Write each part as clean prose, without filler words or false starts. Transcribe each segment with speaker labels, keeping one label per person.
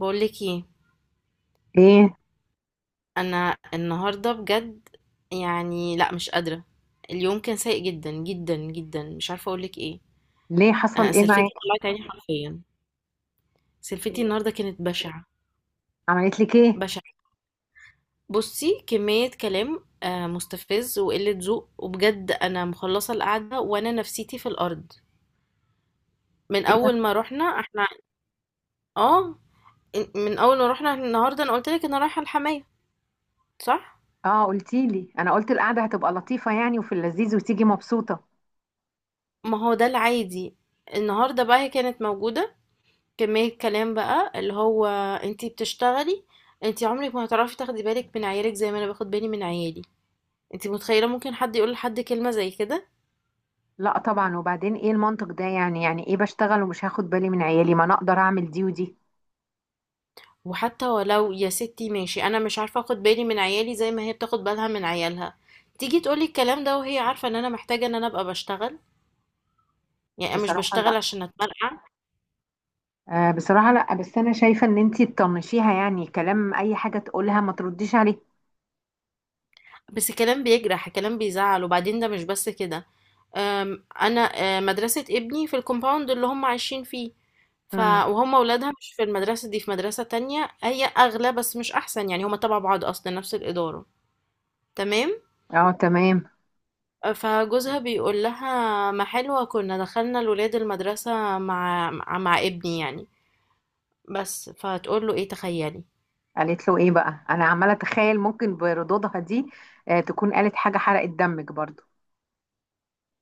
Speaker 1: بقول لك ايه؟
Speaker 2: ايه؟
Speaker 1: انا النهارده بجد يعني لا، مش قادره. اليوم كان سيء جدا جدا جدا، مش عارفه اقول لك ايه.
Speaker 2: ليه حصل
Speaker 1: انا
Speaker 2: ايه
Speaker 1: سلفتي
Speaker 2: معاك؟
Speaker 1: طلعت عيني حرفيا. سلفتي النهارده كانت بشعه
Speaker 2: عملت لك ايه؟
Speaker 1: بشعه. بصي، كميه كلام مستفز وقله ذوق، وبجد انا مخلصه القعده وانا نفسيتي في الارض من
Speaker 2: ايه ده؟
Speaker 1: اول ما رحنا احنا. اه، من اول ما رحنا النهارده انا قلت لك انا رايحه الحمايه، صح؟
Speaker 2: اه، قلتي لي انا قلت القعده هتبقى لطيفه يعني وفي اللذيذ وتيجي مبسوطه.
Speaker 1: ما هو ده العادي. النهارده بقى هي كانت موجوده، كمية كلام بقى اللي هو: انتي بتشتغلي، انتي عمرك ما هتعرفي تاخدي بالك من عيالك زي ما انا باخد بالي من عيالي. انتي متخيلة ممكن حد يقول لحد كلمة زي كده؟
Speaker 2: لا طبعا، وبعدين ايه المنطق ده؟ يعني ايه بشتغل ومش هاخد بالي من عيالي؟ ما انا اقدر اعمل دي ودي.
Speaker 1: وحتى ولو يا ستي، ماشي، انا مش عارفة اخد بالي من عيالي زي ما هي بتاخد بالها من عيالها، تيجي تقولي الكلام ده وهي عارفة ان انا محتاجة ان انا ابقى بشتغل. يعني انا مش
Speaker 2: بصراحه
Speaker 1: بشتغل
Speaker 2: لا.
Speaker 1: عشان اتمرقع.
Speaker 2: آه، بصراحه لا، بس انا شايفه ان انتي تطنشيها، يعني كلام اي حاجه تقولها ما ترديش عليه.
Speaker 1: بس كلام بيجرح، كلام بيزعل. وبعدين ده مش بس كده. انا مدرسة ابني في الكومباوند اللي هم عايشين فيه، ف
Speaker 2: امم.
Speaker 1: وهم ولادها مش في المدرسة دي، في مدرسة تانية هي اغلى بس مش احسن، يعني هم تبع بعض اصلا، نفس الادارة. تمام.
Speaker 2: اه، تمام.
Speaker 1: فجوزها بيقول لها ما حلوة كنا دخلنا الولاد المدرسة مع ابني يعني. بس فتقول له ايه، تخيلي.
Speaker 2: قالت له ايه بقى؟ انا عماله اتخيل ممكن بردودها دي. آه، تكون قالت حاجه حرقت دمك برضو.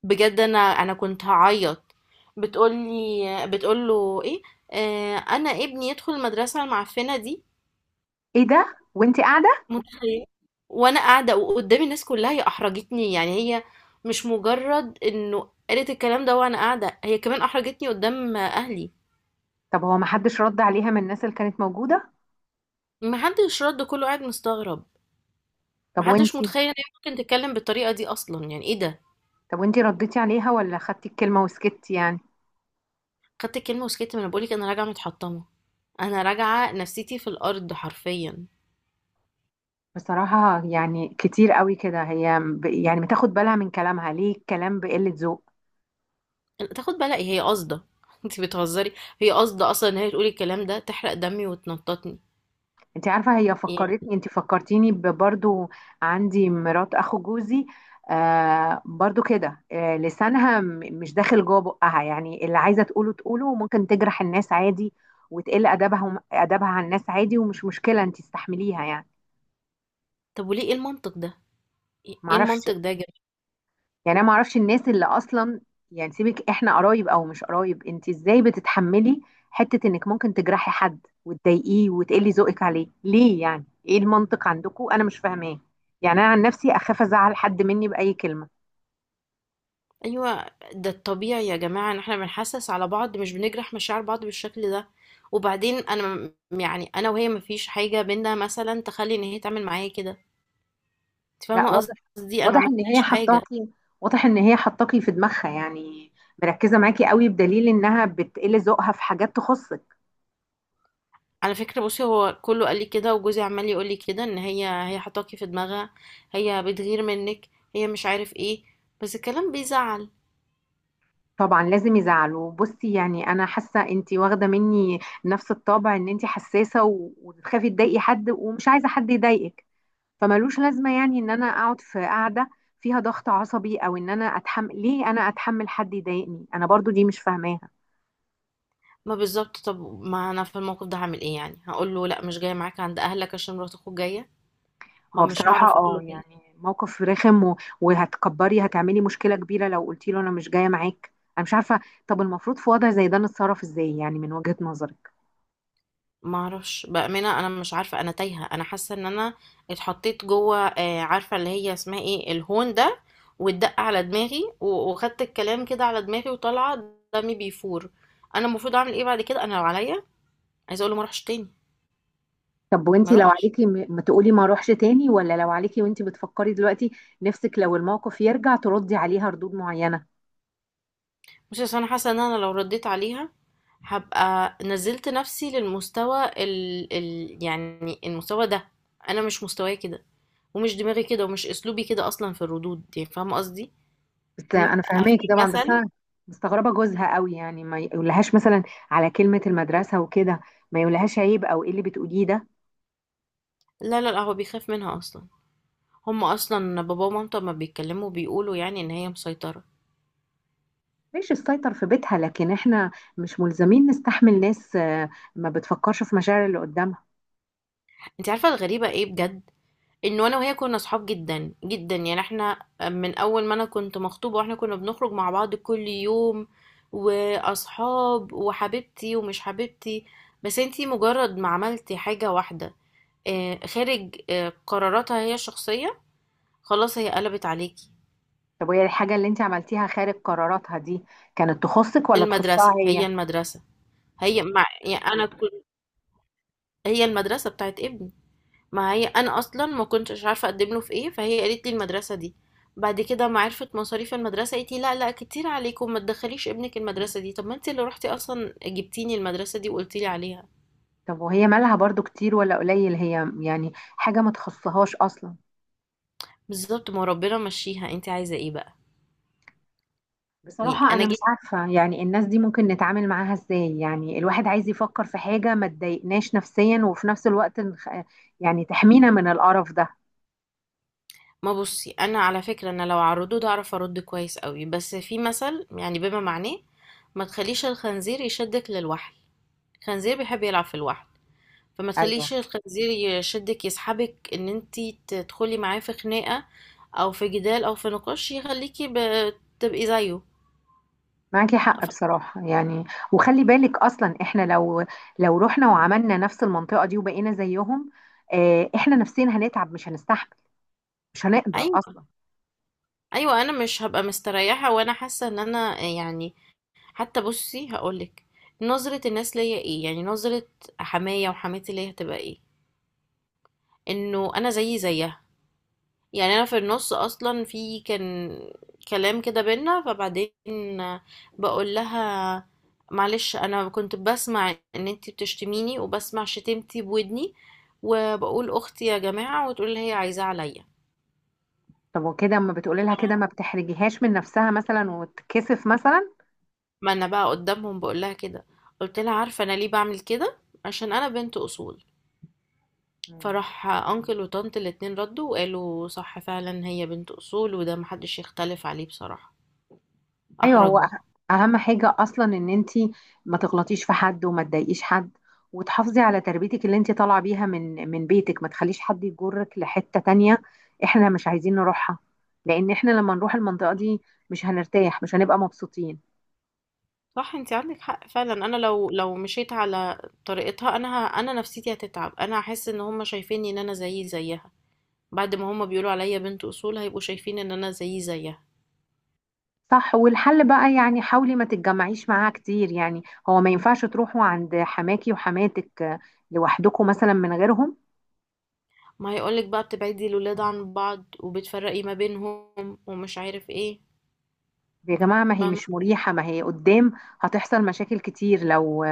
Speaker 1: بجد انا كنت هعيط. بتقولي بتقوله ايه؟ آه، انا ابني يدخل المدرسه المعفنه دي.
Speaker 2: ايه ده وانتي قاعده؟
Speaker 1: متخيل؟ وانا قاعده وقدامي الناس كلها، هي احرجتني يعني، هي مش مجرد انه قالت الكلام ده وانا قاعده، هي كمان احرجتني قدام اهلي.
Speaker 2: طب هو ما حدش رد عليها من الناس اللي كانت موجودة؟
Speaker 1: محدش رد، كله قاعد مستغرب.
Speaker 2: طب
Speaker 1: محدش
Speaker 2: وانتي؟
Speaker 1: متخيل ان هي ممكن تتكلم بالطريقه دي اصلا، يعني ايه ده.
Speaker 2: طب وانتي رديتي عليها، ولا خدتي الكلمة وسكتي يعني؟
Speaker 1: خدت الكلمه وسكت، ما انا بقولك انا راجعه متحطمه، انا راجعه نفسيتي في الارض حرفيا.
Speaker 2: بصراحة يعني كتير قوي كده، هي يعني بتاخد بالها من كلامها، ليه الكلام بقلة ذوق؟
Speaker 1: تاخد بالك هي قاصده انت بتهزري؟ هي قاصده اصلا ان هي تقولي الكلام ده تحرق دمي وتنططني
Speaker 2: انت عارفة، هي
Speaker 1: يعني.
Speaker 2: فكرتني انت فكرتيني برضو. عندي مرات اخو جوزي. آه برضو كده، آه لسانها مش داخل جوه بقها، يعني اللي عايزة تقوله تقوله، وممكن تجرح الناس عادي. وتقل ادبها ادبها على الناس عادي، ومش مشكلة انت استحمليها يعني.
Speaker 1: طب وليه؟ ايه المنطق ده، ايه
Speaker 2: معرفش.
Speaker 1: المنطق ده يا جماعه؟
Speaker 2: يعني انا ما اعرفش الناس اللي اصلا. يعني سيبك، احنا قرايب او مش قرايب، انت ازاي بتتحملي حتة انك ممكن تجرحي حد وتضايقيه وتقلي ذوقك عليه؟ ليه؟ يعني ايه المنطق عندكم؟ انا مش فاهماه. يعني انا عن نفسي اخاف ازعل حد مني باي كلمة.
Speaker 1: ايوه، ده الطبيعي يا جماعه، ان احنا بنحسس على بعض، مش بنجرح مشاعر بعض بالشكل ده. وبعدين انا يعني انا وهي مفيش حاجه بينا مثلا تخلي ان هي تعمل معايا كده، انت
Speaker 2: لا،
Speaker 1: فاهمه
Speaker 2: واضح.
Speaker 1: قصدي، انا ما
Speaker 2: واضح ان هي
Speaker 1: عملتلهاش حاجه.
Speaker 2: حطاكي. واضح ان هي حطاكي في دماغها يعني. مركزة معاكي قوي، بدليل انها بتقلي ذوقها في حاجات تخصك.
Speaker 1: على فكرة بصي، هو كله قال لي كده وجوزي عمال يقول لي كده، ان هي حطاكي في دماغها، هي بتغير منك، هي مش عارف ايه. بس الكلام بيزعل.
Speaker 2: طبعا لازم يزعلوا. بصي يعني انا حاسه انتي واخده مني نفس الطابع، ان انتي حساسه وتخافي تضايقي حد، ومش عايزه حد يضايقك. فملوش لازمه يعني ان انا اقعد في قاعده فيها ضغط عصبي، او ان انا اتحمل. ليه انا اتحمل حد يضايقني انا برضو؟ دي مش فاهماها.
Speaker 1: ما بالظبط، طب ما انا في الموقف ده هعمل ايه؟ يعني هقول له لا، مش جاية معاك عند اهلك عشان مرات اخوك جاية؟ ما
Speaker 2: هو
Speaker 1: مش
Speaker 2: بصراحه
Speaker 1: هعرف اقول
Speaker 2: اه،
Speaker 1: له كده.
Speaker 2: يعني موقف رخم وهتكبري هتعملي مشكله كبيره لو قلتي له انا مش جايه معاك. انا مش عارفه. طب المفروض في وضع زي ده نتصرف ازاي يعني من وجهه نظرك؟
Speaker 1: ما اعرفش بأمانة، انا مش عارفة، انا تايهة، انا حاسة ان انا اتحطيت جوه عارفة اللي هي اسمها ايه، الهون ده، واتدق على دماغي وخدت الكلام كده على دماغي وطالعة دمي بيفور. انا المفروض اعمل ايه بعد كده؟ انا لو عليا عايزة اقول له ما اروحش تاني،
Speaker 2: طب
Speaker 1: ما
Speaker 2: وانتي لو
Speaker 1: اروحش.
Speaker 2: عليكي، ما تقولي ما اروحش تاني، ولا لو عليكي وانتي بتفكري دلوقتي نفسك لو الموقف يرجع تردي عليها ردود معينة؟
Speaker 1: بصي، اصل انا حاسة ان انا لو رديت عليها هبقى نزلت نفسي للمستوى يعني المستوى ده، انا مش مستواي كده، ومش دماغي كده، ومش اسلوبي كده اصلا في الردود، يعني فاهمة قصدي.
Speaker 2: بس
Speaker 1: م-
Speaker 2: انا فاهماكي
Speaker 1: في
Speaker 2: طبعا، بس
Speaker 1: مثل.
Speaker 2: انا مستغربة جوزها قوي، يعني ما يقولهاش مثلا على كلمة المدرسة وكده؟ ما يقولهاش عيب او ايه اللي بتقوليه ده؟
Speaker 1: لا لا لا، هو بيخاف منها اصلا. هم اصلا بابا ومامته ما بيتكلموا، بيقولوا يعني ان هي مسيطرة.
Speaker 2: ماشي، السيطر في بيتها، لكن احنا مش ملزمين نستحمل ناس ما بتفكرش في مشاعر اللي قدامها.
Speaker 1: انت عارفة الغريبة ايه بجد؟ انه انا وهي كنا صحاب جدا جدا، يعني احنا من اول ما انا كنت مخطوبة واحنا كنا بنخرج مع بعض كل يوم، واصحاب وحبيبتي ومش حبيبتي. بس انتي مجرد ما عملتي حاجة واحدة خارج قراراتها هي الشخصية، خلاص هي قلبت عليكي.
Speaker 2: طب وهي الحاجة اللي انتي عملتيها خارج قراراتها دي كانت تخصك ولا تخصها
Speaker 1: المدرسة،
Speaker 2: هي؟
Speaker 1: هي المدرسة، هي مع يعني انا كنت، هي المدرسة بتاعت ابني. ما هي انا اصلا ما كنتش عارفه اقدم له في ايه، فهي قالت لي المدرسه دي. بعد كده ما عرفت مصاريف المدرسه قالت لي لا لا، كتير عليكم، ما تدخليش ابنك المدرسه دي. طب ما انت اللي رحتي اصلا جبتيني المدرسه دي وقلتي لي عليها.
Speaker 2: طب وهي مالها برضو، كتير ولا قليل هي يعني؟ حاجة ما تخصهاش أصلا.
Speaker 1: بالظبط، ما ربنا مشيها، انت عايزه ايه بقى؟ يعني
Speaker 2: بصراحة
Speaker 1: انا
Speaker 2: أنا مش
Speaker 1: جيت.
Speaker 2: عارفة يعني، الناس دي ممكن نتعامل معاها إزاي؟ يعني الواحد عايز يفكر في حاجة ما تضايقناش نفسيا، وفي نفس الوقت يعني تحمينا من القرف ده.
Speaker 1: ما بصي، انا على فكره انا لو عرضوه ده اعرف ارد كويس قوي، بس في مثل يعني بما معناه: ما تخليش الخنزير يشدك للوحل، الخنزير بيحب يلعب في الوحل، فما
Speaker 2: أيوه.
Speaker 1: تخليش الخنزير يشدك يسحبك ان انتي تدخلي معاه في خناقة او في جدال او في نقاش يخليكي تبقي زيه.
Speaker 2: معاكي حق
Speaker 1: ف-
Speaker 2: بصراحة يعني. وخلي بالك أصلا، إحنا لو رحنا وعملنا نفس المنطقة دي وبقينا زيهم، إحنا نفسيا هنتعب، مش هنستحمل، مش هنقدر
Speaker 1: ايوه،
Speaker 2: أصلا.
Speaker 1: ايوه انا مش هبقى مستريحة وانا حاسة ان انا يعني، حتى بصي هقولك، نظرة الناس ليا ايه؟ يعني نظرة حماية وحماتي ليا هتبقى ايه؟ انه انا زيي زيها. يعني انا في النص اصلا في كان كلام كده بينا، فبعدين بقول لها معلش، انا كنت بسمع ان انتي بتشتميني وبسمع شتمتي بودني، وبقول اختي يا جماعة، وتقول لي هي عايزاه عليا.
Speaker 2: طب وكده أما بتقولي لها كده، ما بتحرجيهاش من نفسها مثلا وتكسف مثلا؟
Speaker 1: ما انا بقى قدامهم بقول لها كده. قلت لها عارفة انا ليه بعمل كده؟ عشان انا بنت اصول.
Speaker 2: مم.
Speaker 1: فراح انكل وطنط الاتنين ردوا وقالوا صح فعلا، هي بنت اصول وده محدش يختلف عليه بصراحة.
Speaker 2: ايوه، هو
Speaker 1: احرجوها.
Speaker 2: اهم حاجه اصلا ان انت ما تغلطيش في حد وما تضايقيش حد، وتحافظي على تربيتك اللي انت طالعه بيها من بيتك، ما تخليش حد يجرك لحته تانية. احنا مش عايزين نروحها، لان احنا لما نروح المنطقه دي مش هنرتاح، مش هنبقى مبسوطين.
Speaker 1: صح، انت عندك حق فعلا. انا لو مشيت على طريقتها، انا انا نفسيتي هتتعب، انا هحس ان هم شايفيني ان انا زيي زيها. بعد ما هم بيقولوا عليا بنت اصول هيبقوا شايفين ان انا زيي زيها.
Speaker 2: صح، والحل بقى يعني حاولي ما تتجمعيش معاها كتير يعني. هو ما ينفعش تروحوا عند حماكي وحماتك لوحدكم مثلا من غيرهم؟
Speaker 1: ما هيقولك بقى بتبعدي الولاد عن بعض وبتفرقي ما بينهم ومش عارف ايه.
Speaker 2: يا جماعة، ما هي
Speaker 1: فاهمه.
Speaker 2: مش مريحة، ما هي قدام هتحصل مشاكل كتير لو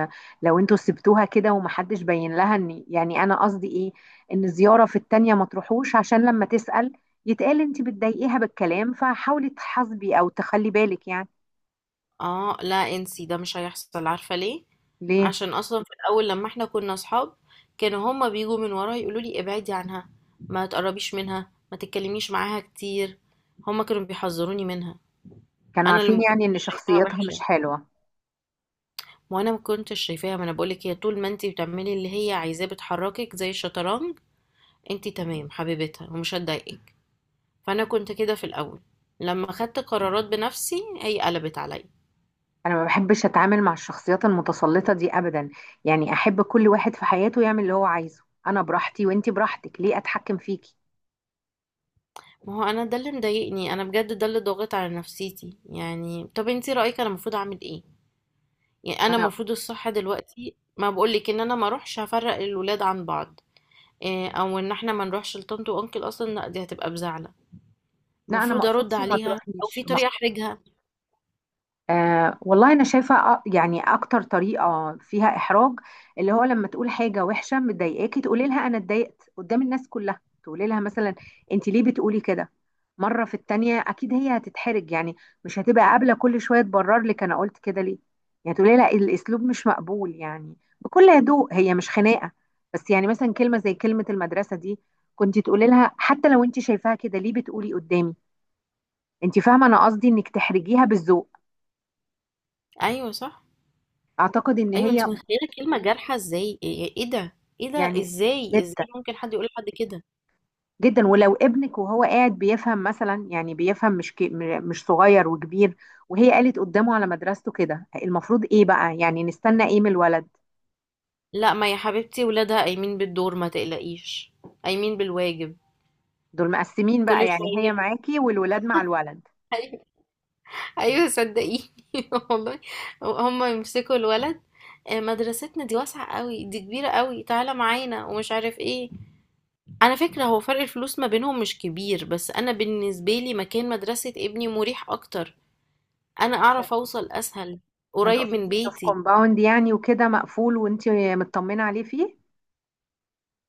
Speaker 2: لو انتوا سبتوها كده، ومحدش بين لها. ان يعني انا قصدي ايه؟ ان زيارة في التانية ما تروحوش، عشان لما تسأل يتقال انت بتضايقيها بالكلام، فحاولي تحاسبي او تخلي بالك يعني.
Speaker 1: اه لا، انسي ده، مش هيحصل. عارفه ليه؟
Speaker 2: ليه؟
Speaker 1: عشان اصلا في الاول لما احنا كنا اصحاب، كانوا هما بيجوا من ورا يقولوا لي ابعدي عنها، ما تقربيش منها، ما تتكلميش معاها كتير. هما كانوا بيحذروني منها.
Speaker 2: كانوا
Speaker 1: انا اللي
Speaker 2: عارفين
Speaker 1: ما كنتش
Speaker 2: يعني ان
Speaker 1: شايفاها
Speaker 2: شخصيتها مش
Speaker 1: وحشه،
Speaker 2: حلوة؟
Speaker 1: ما انا ما كنتش شايفاها. ما انا بقولك، هي طول ما انت بتعملي اللي هي عايزاه بتحركك زي الشطرنج، انت تمام حبيبتها ومش هتضايقك. فانا كنت كده في الاول، لما خدت قرارات بنفسي هي قلبت عليا.
Speaker 2: انا ما بحبش اتعامل مع الشخصيات المتسلطة دي ابدا، يعني احب كل واحد في حياته يعمل اللي هو عايزه، انا براحتي وانت براحتك، ليه اتحكم فيكي؟
Speaker 1: ما هو انا ده اللي مضايقني، انا بجد ده اللي ضاغط على نفسيتي. يعني طب انت رايك انا المفروض اعمل ايه؟ يعني انا
Speaker 2: انا،
Speaker 1: المفروض الصح دلوقتي ما بقولك ان انا ما اروحش افرق الولاد عن بعض، او ان احنا ما نروحش لطنط وانكل اصلا، لا دي هتبقى بزعل.
Speaker 2: لا انا ما
Speaker 1: المفروض ارد
Speaker 2: اقصدش ما
Speaker 1: عليها، او في
Speaker 2: تروحيش.
Speaker 1: طريقه احرجها؟
Speaker 2: آه والله، أنا شايفة يعني أكتر طريقة فيها إحراج اللي هو لما تقول حاجة وحشة مضايقاكي، تقولي لها أنا اتضايقت قدام الناس كلها. تقولي لها مثلا، أنت ليه بتقولي كده؟ مرة في التانية أكيد هي هتتحرج يعني، مش هتبقى قابلة كل شوية تبرر لك أنا قلت كده ليه. يعني تقولي لها الأسلوب مش مقبول، يعني بكل هدوء، هي مش خناقة. بس يعني مثلا كلمة زي كلمة المدرسة دي، كنت تقولي لها حتى لو أنت شايفاها كده، ليه بتقولي قدامي؟ أنت فاهمة، أنا قصدي إنك تحرجيها بالذوق.
Speaker 1: ايوه صح.
Speaker 2: اعتقد ان
Speaker 1: ايوه،
Speaker 2: هي،
Speaker 1: انت متخيله كلمه جارحه ازاي؟ ايه، إيه ده؟ ايه ده؟
Speaker 2: يعني
Speaker 1: ازاي،
Speaker 2: جدا،
Speaker 1: ازاي ممكن حد يقول لحد كده؟
Speaker 2: جدا. ولو ابنك وهو قاعد بيفهم مثلا، يعني بيفهم، مش مش صغير وكبير، وهي قالت قدامه على مدرسته كده، المفروض ايه بقى؟ يعني نستنى ايه من الولد؟
Speaker 1: لا ما يا حبيبتي، ولادها قايمين بالدور ما تقلقيش، قايمين بالواجب
Speaker 2: دول مقسمين بقى
Speaker 1: كل
Speaker 2: يعني،
Speaker 1: شويه.
Speaker 2: هي معاكي والولاد مع الولد.
Speaker 1: ايوه. أيوة صدقيني والله. هم يمسكوا الولد مدرستنا دي واسعه قوي، دي كبيره قوي، تعالى معانا ومش عارف ايه. على فكره هو فرق الفلوس ما بينهم مش كبير، بس انا بالنسبه لي مكان مدرسه ابني مريح اكتر، انا
Speaker 2: عشان
Speaker 1: اعرف اوصل اسهل،
Speaker 2: عشان
Speaker 1: قريب من
Speaker 2: تقصدي انه في
Speaker 1: بيتي.
Speaker 2: كومباوند يعني وكده مقفول وانت مطمنة عليه فيه؟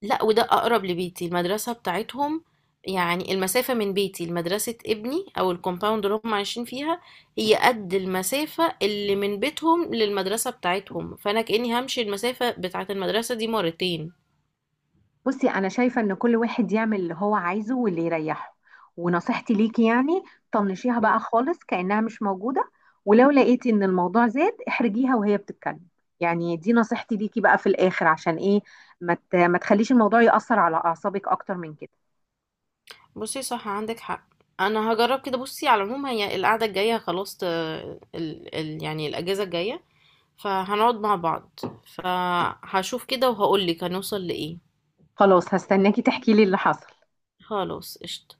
Speaker 1: لا، وده اقرب لبيتي المدرسة بتاعتهم، يعني المسافة من بيتي لمدرسة ابني او الكومباوند اللي هم عايشين فيها، هي قد المسافة اللي من بيتهم للمدرسة بتاعتهم، فانا كأني همشي المسافة بتاعت المدرسة دي مرتين.
Speaker 2: بصي انا شايفه ان كل واحد يعمل اللي هو عايزه واللي يريحه. ونصيحتي ليكي يعني طنشيها
Speaker 1: مم.
Speaker 2: بقى خالص كأنها مش موجوده، ولو لقيتي ان الموضوع زاد احرجيها وهي بتتكلم. يعني دي نصيحتي ليكي بقى في الاخر، عشان ايه؟ ما تخليش الموضوع يأثر على اعصابك اكتر من كده.
Speaker 1: بصي، صح عندك حق، انا هجرب كده. بصي على العموم هي القعدة الجاية خلاص، يعني الاجازة الجاية، فهنقعد مع بعض، فهشوف كده وهقولك هنوصل لإيه.
Speaker 2: خلاص، هستناكي تحكي لي اللي حصل.
Speaker 1: خلاص قشطة.